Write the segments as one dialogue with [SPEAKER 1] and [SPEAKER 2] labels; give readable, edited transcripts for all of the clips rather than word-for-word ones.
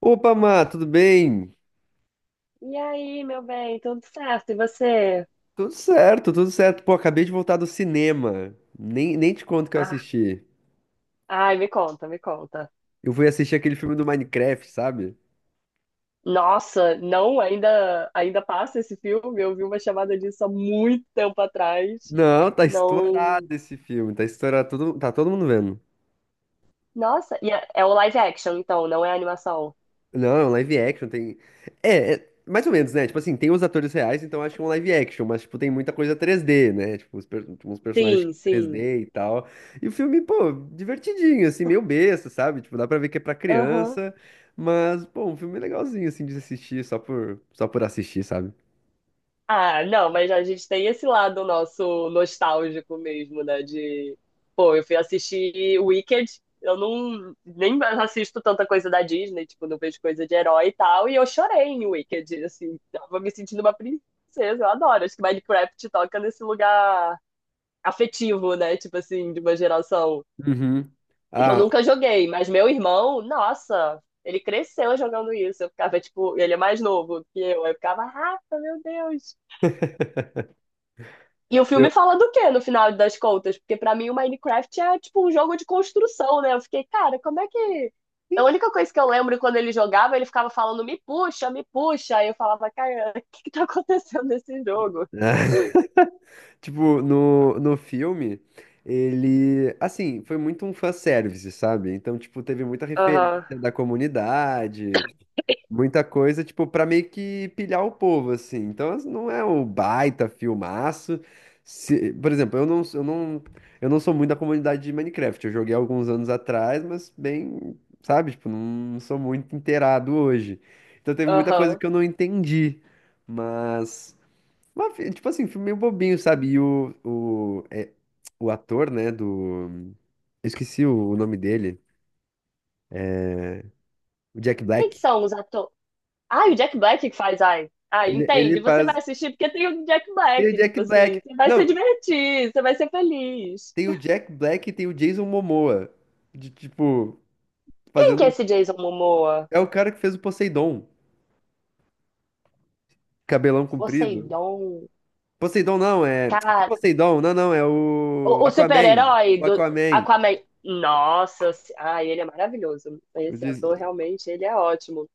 [SPEAKER 1] Opa, Má, tudo bem?
[SPEAKER 2] E aí, meu bem, tudo certo? E você?
[SPEAKER 1] Tudo certo, tudo certo. Pô, acabei de voltar do cinema. Nem te conto o que eu
[SPEAKER 2] Ah,
[SPEAKER 1] assisti.
[SPEAKER 2] ai, me conta, me conta.
[SPEAKER 1] Eu fui assistir aquele filme do Minecraft, sabe?
[SPEAKER 2] Nossa, não, ainda passa esse filme. Eu vi uma chamada disso há muito tempo atrás.
[SPEAKER 1] Não, tá
[SPEAKER 2] Não.
[SPEAKER 1] estourado esse filme, tá estourado, todo, tá todo mundo vendo.
[SPEAKER 2] Nossa, e é o live action, então, não é animação.
[SPEAKER 1] Não, é um live action, tem. É mais ou menos, né? Tipo assim, tem os atores reais, então acho que é um live action, mas, tipo, tem muita coisa 3D, né? Tipo, uns personagens
[SPEAKER 2] Sim, sim.
[SPEAKER 1] 3D e tal. E o filme, pô, divertidinho, assim, meio besta, sabe? Tipo, dá pra ver que é pra
[SPEAKER 2] Aham.
[SPEAKER 1] criança, mas, pô, um filme legalzinho, assim, de assistir, só por assistir, sabe?
[SPEAKER 2] Ah, não, mas a gente tem esse lado nosso nostálgico mesmo, né? De, pô, eu fui assistir Wicked, eu não nem mais assisto tanta coisa da Disney, tipo, não vejo coisa de herói e tal, e eu chorei em Wicked, assim, tava me sentindo uma princesa, eu adoro. Acho que Minecraft toca nesse lugar afetivo, né? Tipo assim, de uma geração.
[SPEAKER 1] Uhum.
[SPEAKER 2] Eu
[SPEAKER 1] Ah,
[SPEAKER 2] nunca joguei, mas meu irmão, nossa, ele cresceu jogando isso. Eu ficava, tipo, ele é mais novo que eu ficava, Rafa, meu Deus. E o
[SPEAKER 1] eu.
[SPEAKER 2] filme fala do quê no final das contas? Porque pra mim o Minecraft é tipo um jogo de construção, né? Eu fiquei, cara, como é que. A única coisa que eu lembro quando ele jogava, ele ficava falando me puxa, me puxa. Aí eu falava, cara, o que que tá acontecendo nesse jogo?
[SPEAKER 1] Tipo, no filme, ele, assim, foi muito um fanservice, sabe? Então, tipo, teve muita referência
[SPEAKER 2] Aham,
[SPEAKER 1] da comunidade, muita coisa, tipo, pra meio que pilhar o povo, assim. Então, não é o baita filmaço. Se, por exemplo, eu não sou muito da comunidade de Minecraft. Eu joguei alguns anos atrás, mas bem, sabe? Tipo, não sou muito inteirado hoje. Então, teve muita coisa
[SPEAKER 2] aham.
[SPEAKER 1] que eu não entendi, mas... Tipo assim, um filme meio bobinho, sabe? E o ator, né, do... Eu esqueci o nome dele. O Jack
[SPEAKER 2] Quem que
[SPEAKER 1] Black.
[SPEAKER 2] são os atores? Ah, o Jack Black que faz, ai. Ai,
[SPEAKER 1] Ele,
[SPEAKER 2] entende?
[SPEAKER 1] ele
[SPEAKER 2] Você vai
[SPEAKER 1] faz...
[SPEAKER 2] assistir porque tem o Jack
[SPEAKER 1] Tem o
[SPEAKER 2] Black,
[SPEAKER 1] Jack
[SPEAKER 2] tipo assim.
[SPEAKER 1] Black.
[SPEAKER 2] Você vai se
[SPEAKER 1] Não,
[SPEAKER 2] divertir, você vai ser feliz.
[SPEAKER 1] tem o Jack Black e tem o Jason Momoa. De, tipo,
[SPEAKER 2] Quem que é
[SPEAKER 1] fazendo...
[SPEAKER 2] esse Jason Momoa?
[SPEAKER 1] É o cara que fez o Poseidon. Cabelão comprido.
[SPEAKER 2] Poseidon.
[SPEAKER 1] Poseidon não, é... Que
[SPEAKER 2] Cara,
[SPEAKER 1] Poseidon? Não, não, é o
[SPEAKER 2] o
[SPEAKER 1] Aquaman.
[SPEAKER 2] super-herói
[SPEAKER 1] O
[SPEAKER 2] do
[SPEAKER 1] Aquaman.
[SPEAKER 2] Aquaman. Nossa, se- ai, ele é maravilhoso.
[SPEAKER 1] Eu
[SPEAKER 2] Esse ator
[SPEAKER 1] disse-
[SPEAKER 2] realmente, ele é ótimo.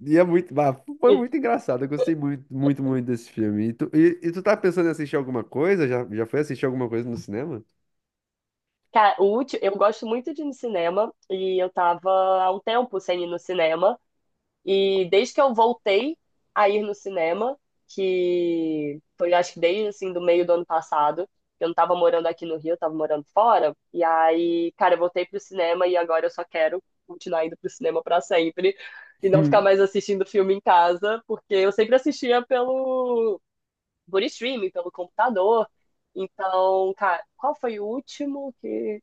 [SPEAKER 1] E é muito, ah, foi muito engraçado. Eu gostei muito, muito, muito desse filme. E tu tá pensando em assistir alguma coisa? Já foi assistir alguma coisa no cinema?
[SPEAKER 2] Cara, o último, eu gosto muito de ir no cinema e eu tava há um tempo sem ir no cinema. E desde que eu voltei a ir no cinema, que foi acho que desde assim do meio do ano passado, eu não tava morando aqui no Rio, eu tava morando fora. E aí, cara, eu voltei pro cinema e agora eu só quero continuar indo pro cinema pra sempre e não ficar
[SPEAKER 1] Hum.
[SPEAKER 2] mais assistindo filme em casa, porque eu sempre assistia pelo por streaming, pelo computador. Então, cara, qual foi o último que.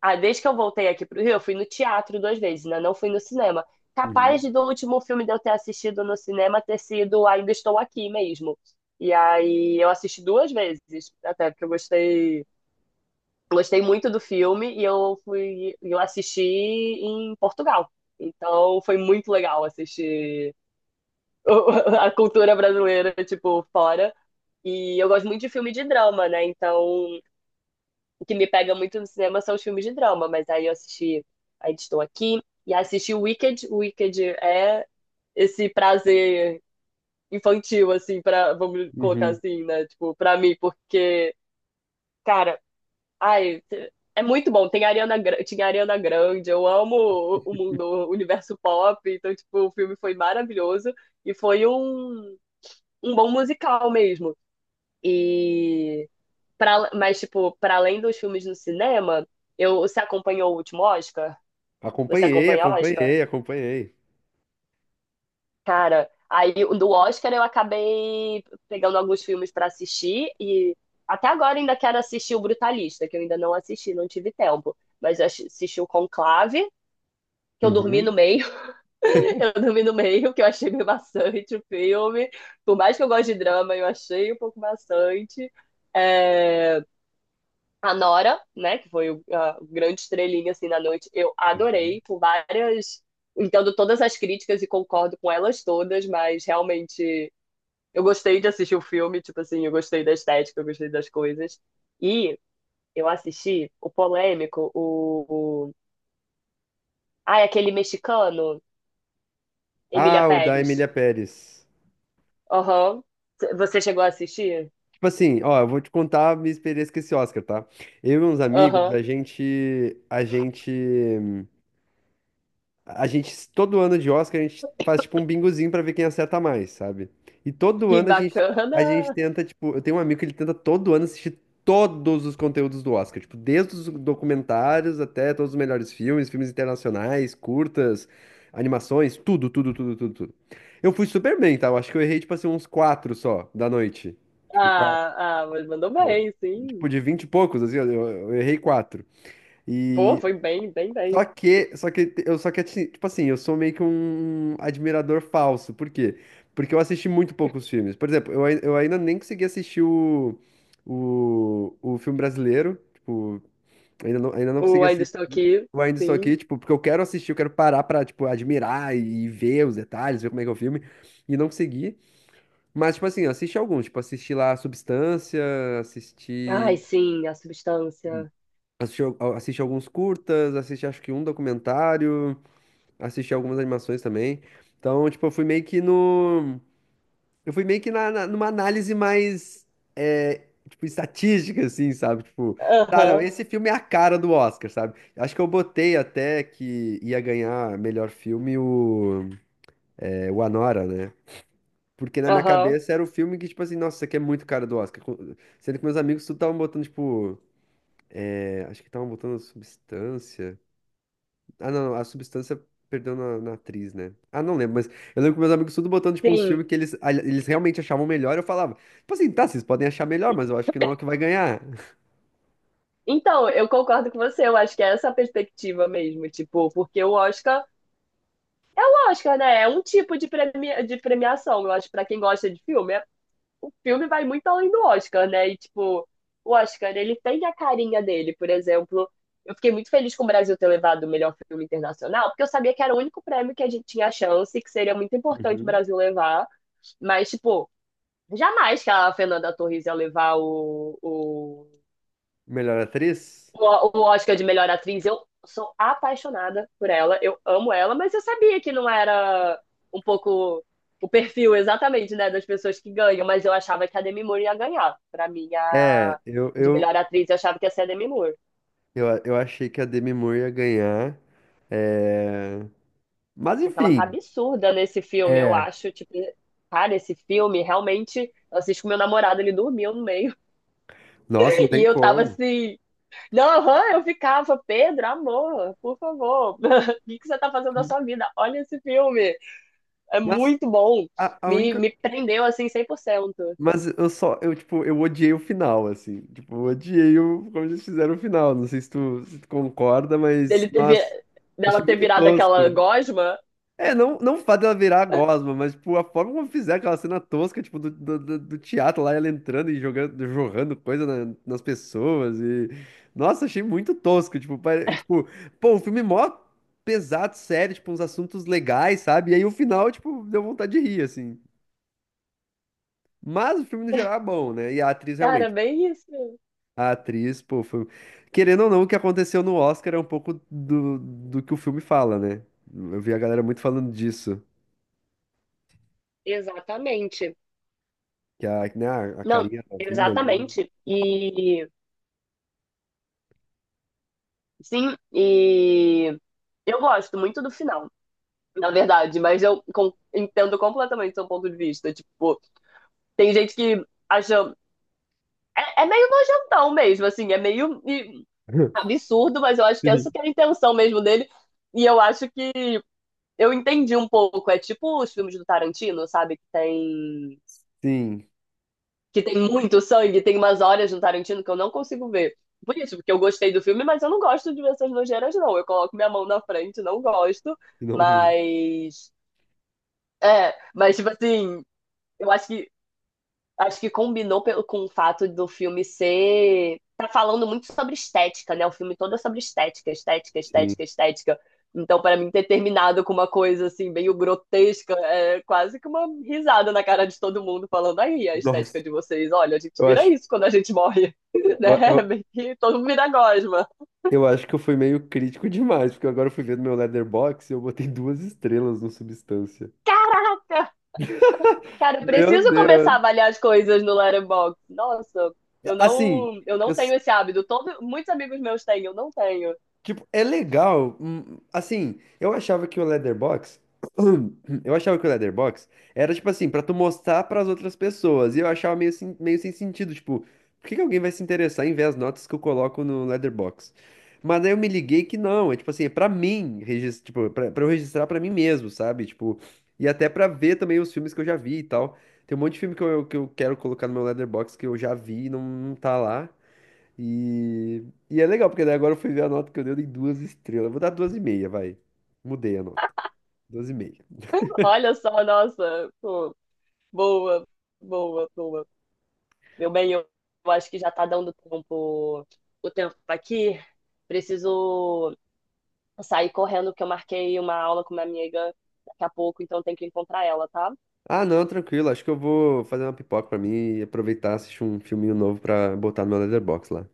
[SPEAKER 2] Ah, desde que eu voltei aqui pro Rio, eu fui no teatro duas vezes, né? Não fui no cinema. Capaz
[SPEAKER 1] Uhum.
[SPEAKER 2] de do último filme de eu ter assistido no cinema ter sido Ainda Estou Aqui mesmo. E aí eu assisti duas vezes, até porque eu gostei, gostei muito do filme e eu fui, eu assisti em Portugal. Então foi muito legal assistir a cultura brasileira, tipo, fora. E eu gosto muito de filme de drama, né? Então o que me pega muito no cinema são os filmes de drama, mas aí eu assisti Ainda Estou Aqui e assisti Wicked. Wicked é esse prazer infantil, assim, pra, vamos colocar
[SPEAKER 1] Uhum.
[SPEAKER 2] assim, né? Tipo, pra mim, porque, cara, ai, é muito bom. Tem a Ariana, Gra- tinha a Ariana Grande, eu amo o mundo, o universo pop, então, tipo, o filme foi maravilhoso e foi um, um bom musical mesmo. E pra, mas, tipo, para além dos filmes no cinema, eu, você acompanhou o último Oscar? Você
[SPEAKER 1] Acompanhei,
[SPEAKER 2] acompanha Oscar?
[SPEAKER 1] acompanhei, acompanhei.
[SPEAKER 2] Cara, aí do Oscar eu acabei pegando alguns filmes pra assistir e até agora ainda quero assistir o Brutalista, que eu ainda não assisti, não tive tempo. Mas eu assi- assisti o Conclave, que eu dormi no
[SPEAKER 1] Uhum.
[SPEAKER 2] meio, eu dormi no meio, que eu achei meio maçante o filme. Por mais que eu goste de drama, eu achei um pouco maçante. É, a Nora, né, que foi o a grande estrelinha assim na noite, eu
[SPEAKER 1] Uhum.
[SPEAKER 2] adorei por várias, entendo todas as críticas e concordo com elas todas, mas realmente eu gostei de assistir o filme, tipo assim, eu gostei da estética, eu gostei das coisas. E eu assisti o polêmico, o... ah, é aquele mexicano, Emília
[SPEAKER 1] Ah, o da Emília
[SPEAKER 2] Pérez.
[SPEAKER 1] Pérez.
[SPEAKER 2] Aham. Você chegou a assistir?
[SPEAKER 1] Tipo assim, ó, eu vou te contar a minha experiência com esse Oscar, tá? Eu e uns amigos,
[SPEAKER 2] Aham.
[SPEAKER 1] a gente, todo ano de Oscar, a gente faz tipo um bingozinho pra ver quem acerta mais, sabe? E todo
[SPEAKER 2] Que
[SPEAKER 1] ano a gente,
[SPEAKER 2] bacana.
[SPEAKER 1] a gente tenta, tipo, eu tenho um amigo que ele tenta todo ano assistir todos os conteúdos do Oscar, tipo, desde os documentários até todos os melhores filmes, filmes internacionais, curtas, animações, tudo, tudo, tudo, tudo, tudo. Eu fui super bem, tá? Eu acho que eu errei, tipo assim, uns quatro só da noite. Tipo, quatro.
[SPEAKER 2] Ah, ah, mas mandou bem, sim.
[SPEAKER 1] Tipo, de vinte e poucos, assim, eu errei quatro.
[SPEAKER 2] Pô,
[SPEAKER 1] E
[SPEAKER 2] foi bem, bem, bem.
[SPEAKER 1] só que assim, tipo assim, eu sou meio que um admirador falso. Por quê? Porque eu assisti muito poucos filmes. Por exemplo, eu ainda nem consegui assistir o filme brasileiro. Tipo, ainda não consegui
[SPEAKER 2] O Ainda
[SPEAKER 1] assistir.
[SPEAKER 2] Estou Aqui,
[SPEAKER 1] Eu ainda estou
[SPEAKER 2] sim.
[SPEAKER 1] aqui, tipo, porque eu quero assistir, eu quero parar pra, tipo, admirar e ver os detalhes, ver como é que é o filme, e não consegui. Mas, tipo assim, eu assisti alguns, tipo, assisti lá Substância,
[SPEAKER 2] Ai,
[SPEAKER 1] assisti,
[SPEAKER 2] sim, a substância.
[SPEAKER 1] assisti alguns curtas, assisti acho que um documentário. Assisti algumas animações também. Então, tipo, eu fui meio que no. Eu fui meio que numa análise mais. É, tipo, estatística, assim, sabe? Tipo, tá, não,
[SPEAKER 2] Aham,
[SPEAKER 1] esse filme é a cara do Oscar, sabe? Acho que eu botei até que ia ganhar melhor filme o Anora, né? Porque na minha
[SPEAKER 2] aham,
[SPEAKER 1] cabeça era o filme que, tipo assim, nossa, isso aqui é muito cara do Oscar. Sendo que meus amigos tudo estavam botando, tipo. É, acho que estavam botando Substância. Ah, não, a substância perdeu na atriz, né? Ah, não lembro, mas eu lembro que meus amigos tudo botando, tipo, uns
[SPEAKER 2] sim.
[SPEAKER 1] filmes que eles realmente achavam melhor, eu falava, tipo assim, tá, vocês podem achar melhor, mas eu acho que não é o que vai ganhar.
[SPEAKER 2] Então, eu concordo com você, eu acho que é essa a perspectiva mesmo, tipo, porque o Oscar, né, é um tipo de, premi- de premiação, eu acho, pra quem gosta de filme, é- o filme vai muito além do Oscar, né, e tipo, o Oscar, ele tem a carinha dele, por exemplo, eu fiquei muito feliz com o Brasil ter levado o melhor filme internacional, porque eu sabia que era o único prêmio que a gente tinha chance, que seria muito importante o
[SPEAKER 1] Uhum.
[SPEAKER 2] Brasil levar, mas, tipo, jamais que a Fernanda Torres ia levar o, o,
[SPEAKER 1] Melhor atriz?
[SPEAKER 2] o, o Oscar de melhor atriz. Eu sou apaixonada por ela, eu amo ela, mas eu sabia que não era um pouco o perfil exatamente, né, das pessoas que ganham, mas eu achava que a Demi Moore ia ganhar. Pra mim,
[SPEAKER 1] É,
[SPEAKER 2] a de melhor atriz, eu achava que ia ser a Demi Moore,
[SPEAKER 1] eu achei que a Demi Moore ia ganhar, é... mas
[SPEAKER 2] porque ela tá
[SPEAKER 1] enfim,
[SPEAKER 2] absurda nesse filme, eu
[SPEAKER 1] é,
[SPEAKER 2] acho, tipo, cara, esse filme realmente, eu assisti com meu namorado, ele dormiu no meio,
[SPEAKER 1] nossa, não
[SPEAKER 2] e
[SPEAKER 1] tem
[SPEAKER 2] eu tava
[SPEAKER 1] como.
[SPEAKER 2] assim, Não, aham, eu ficava, Pedro, amor, por favor, o que que você tá fazendo da sua vida? Olha esse filme, é
[SPEAKER 1] Mas
[SPEAKER 2] muito bom.
[SPEAKER 1] a
[SPEAKER 2] Me,
[SPEAKER 1] única...
[SPEAKER 2] me prendeu assim 100%.
[SPEAKER 1] Mas eu só, eu, tipo, eu odiei o final, assim. Tipo, eu odiei o, como eles fizeram o final. Não sei se tu, se tu concorda, mas,
[SPEAKER 2] Dele ter,
[SPEAKER 1] nossa,
[SPEAKER 2] vi-
[SPEAKER 1] achei
[SPEAKER 2] dela ter
[SPEAKER 1] muito
[SPEAKER 2] virado aquela
[SPEAKER 1] tosco.
[SPEAKER 2] gosma.
[SPEAKER 1] É, não, não o fato dela virar a gosma, mas, tipo, a forma como fizeram aquela cena tosca, tipo, do teatro lá, ela entrando e jogando, jorrando coisa nas pessoas e... Nossa, achei muito tosco, tipo, tipo, pô, o filme é mó pesado, sério, tipo, uns assuntos legais, sabe? E aí o final, tipo, deu vontade de rir, assim. Mas o filme no geral é bom, né? E a atriz
[SPEAKER 2] Cara, é
[SPEAKER 1] realmente.
[SPEAKER 2] bem isso.
[SPEAKER 1] A atriz, pô, foi... Querendo ou não, o que aconteceu no Oscar é um pouco do, do que o filme fala, né? Eu vi a galera muito falando disso.
[SPEAKER 2] Exatamente.
[SPEAKER 1] Que a, né, a
[SPEAKER 2] Não,
[SPEAKER 1] carinha novinha ali.
[SPEAKER 2] exatamente. E sim, e eu gosto muito do final, na verdade, mas eu com- entendo completamente seu ponto de vista. Tipo, tem gente que acha. É, é meio nojentão mesmo, assim, é meio e, absurdo, mas eu acho que essa
[SPEAKER 1] Sim.
[SPEAKER 2] que é a intenção mesmo dele. E eu acho que eu entendi um pouco. É tipo os filmes do Tarantino, sabe?
[SPEAKER 1] Sim,
[SPEAKER 2] Que tem muito sangue, tem umas horas no Tarantino que eu não consigo ver. Por isso, porque eu gostei do filme, mas eu não gosto de ver essas nojeiras, não. Eu coloco minha mão na frente, não gosto.
[SPEAKER 1] não vi.
[SPEAKER 2] Mas. É, mas tipo assim, eu acho que. Acho que combinou pelo- com o fato do filme ser. Tá falando muito sobre estética, né? O filme todo é sobre estética, estética,
[SPEAKER 1] Sim.
[SPEAKER 2] estética, estética. Então, pra mim, ter terminado com uma coisa assim, meio grotesca, é quase que uma risada na cara de todo mundo, falando aí a estética
[SPEAKER 1] Nossa,
[SPEAKER 2] de vocês. Olha, a gente
[SPEAKER 1] eu
[SPEAKER 2] vira
[SPEAKER 1] acho,
[SPEAKER 2] isso quando a gente morre,
[SPEAKER 1] eu,
[SPEAKER 2] né?
[SPEAKER 1] eu,
[SPEAKER 2] Meio que todo mundo vira gosma.
[SPEAKER 1] eu acho que eu fui meio crítico demais, porque agora eu fui ver no meu Letterboxd e eu botei duas estrelas no Substância.
[SPEAKER 2] Caraca! Cara, eu
[SPEAKER 1] Meu
[SPEAKER 2] preciso começar a
[SPEAKER 1] Deus.
[SPEAKER 2] avaliar as coisas no Letterboxd. Nossa,
[SPEAKER 1] Assim,
[SPEAKER 2] eu não
[SPEAKER 1] eu,
[SPEAKER 2] tenho esse hábito. Todo, muitos amigos meus têm, eu não tenho.
[SPEAKER 1] tipo, é legal. Hum, assim, eu achava que o Leatherbox. Eu achava que o Leatherbox era, tipo assim, pra tu mostrar pras outras pessoas. E eu achava meio, meio sem sentido. Tipo, por que que alguém vai se interessar em ver as notas que eu coloco no Leatherbox? Mas aí eu me liguei que não. É, tipo assim, é pra mim, pra eu registrar pra mim mesmo, sabe? Tipo, e até pra ver também os filmes que eu já vi e tal. Tem um monte de filme que que eu quero colocar no meu Leatherbox que eu já vi e não, não tá lá. E, e é legal, porque daí agora eu fui ver a nota que eu dei duas estrelas. Eu vou dar duas e meia, vai. Mudei a nota. Duas e meia.
[SPEAKER 2] Olha só, nossa, pô, boa, boa, boa. Meu bem, eu acho que já tá dando tempo, o tempo tá aqui. Preciso sair correndo, porque eu marquei uma aula com uma amiga daqui a pouco, então tenho que encontrar ela, tá?
[SPEAKER 1] Ah, não, tranquilo. Acho que eu vou fazer uma pipoca pra mim e aproveitar, e assistir um filminho novo pra botar no meu Letterboxd lá.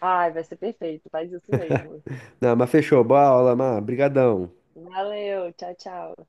[SPEAKER 2] Ai, vai ser perfeito, faz isso mesmo.
[SPEAKER 1] Não, mas fechou. Boa aula, Mar. Brigadão.
[SPEAKER 2] Valeu, tchau, tchau.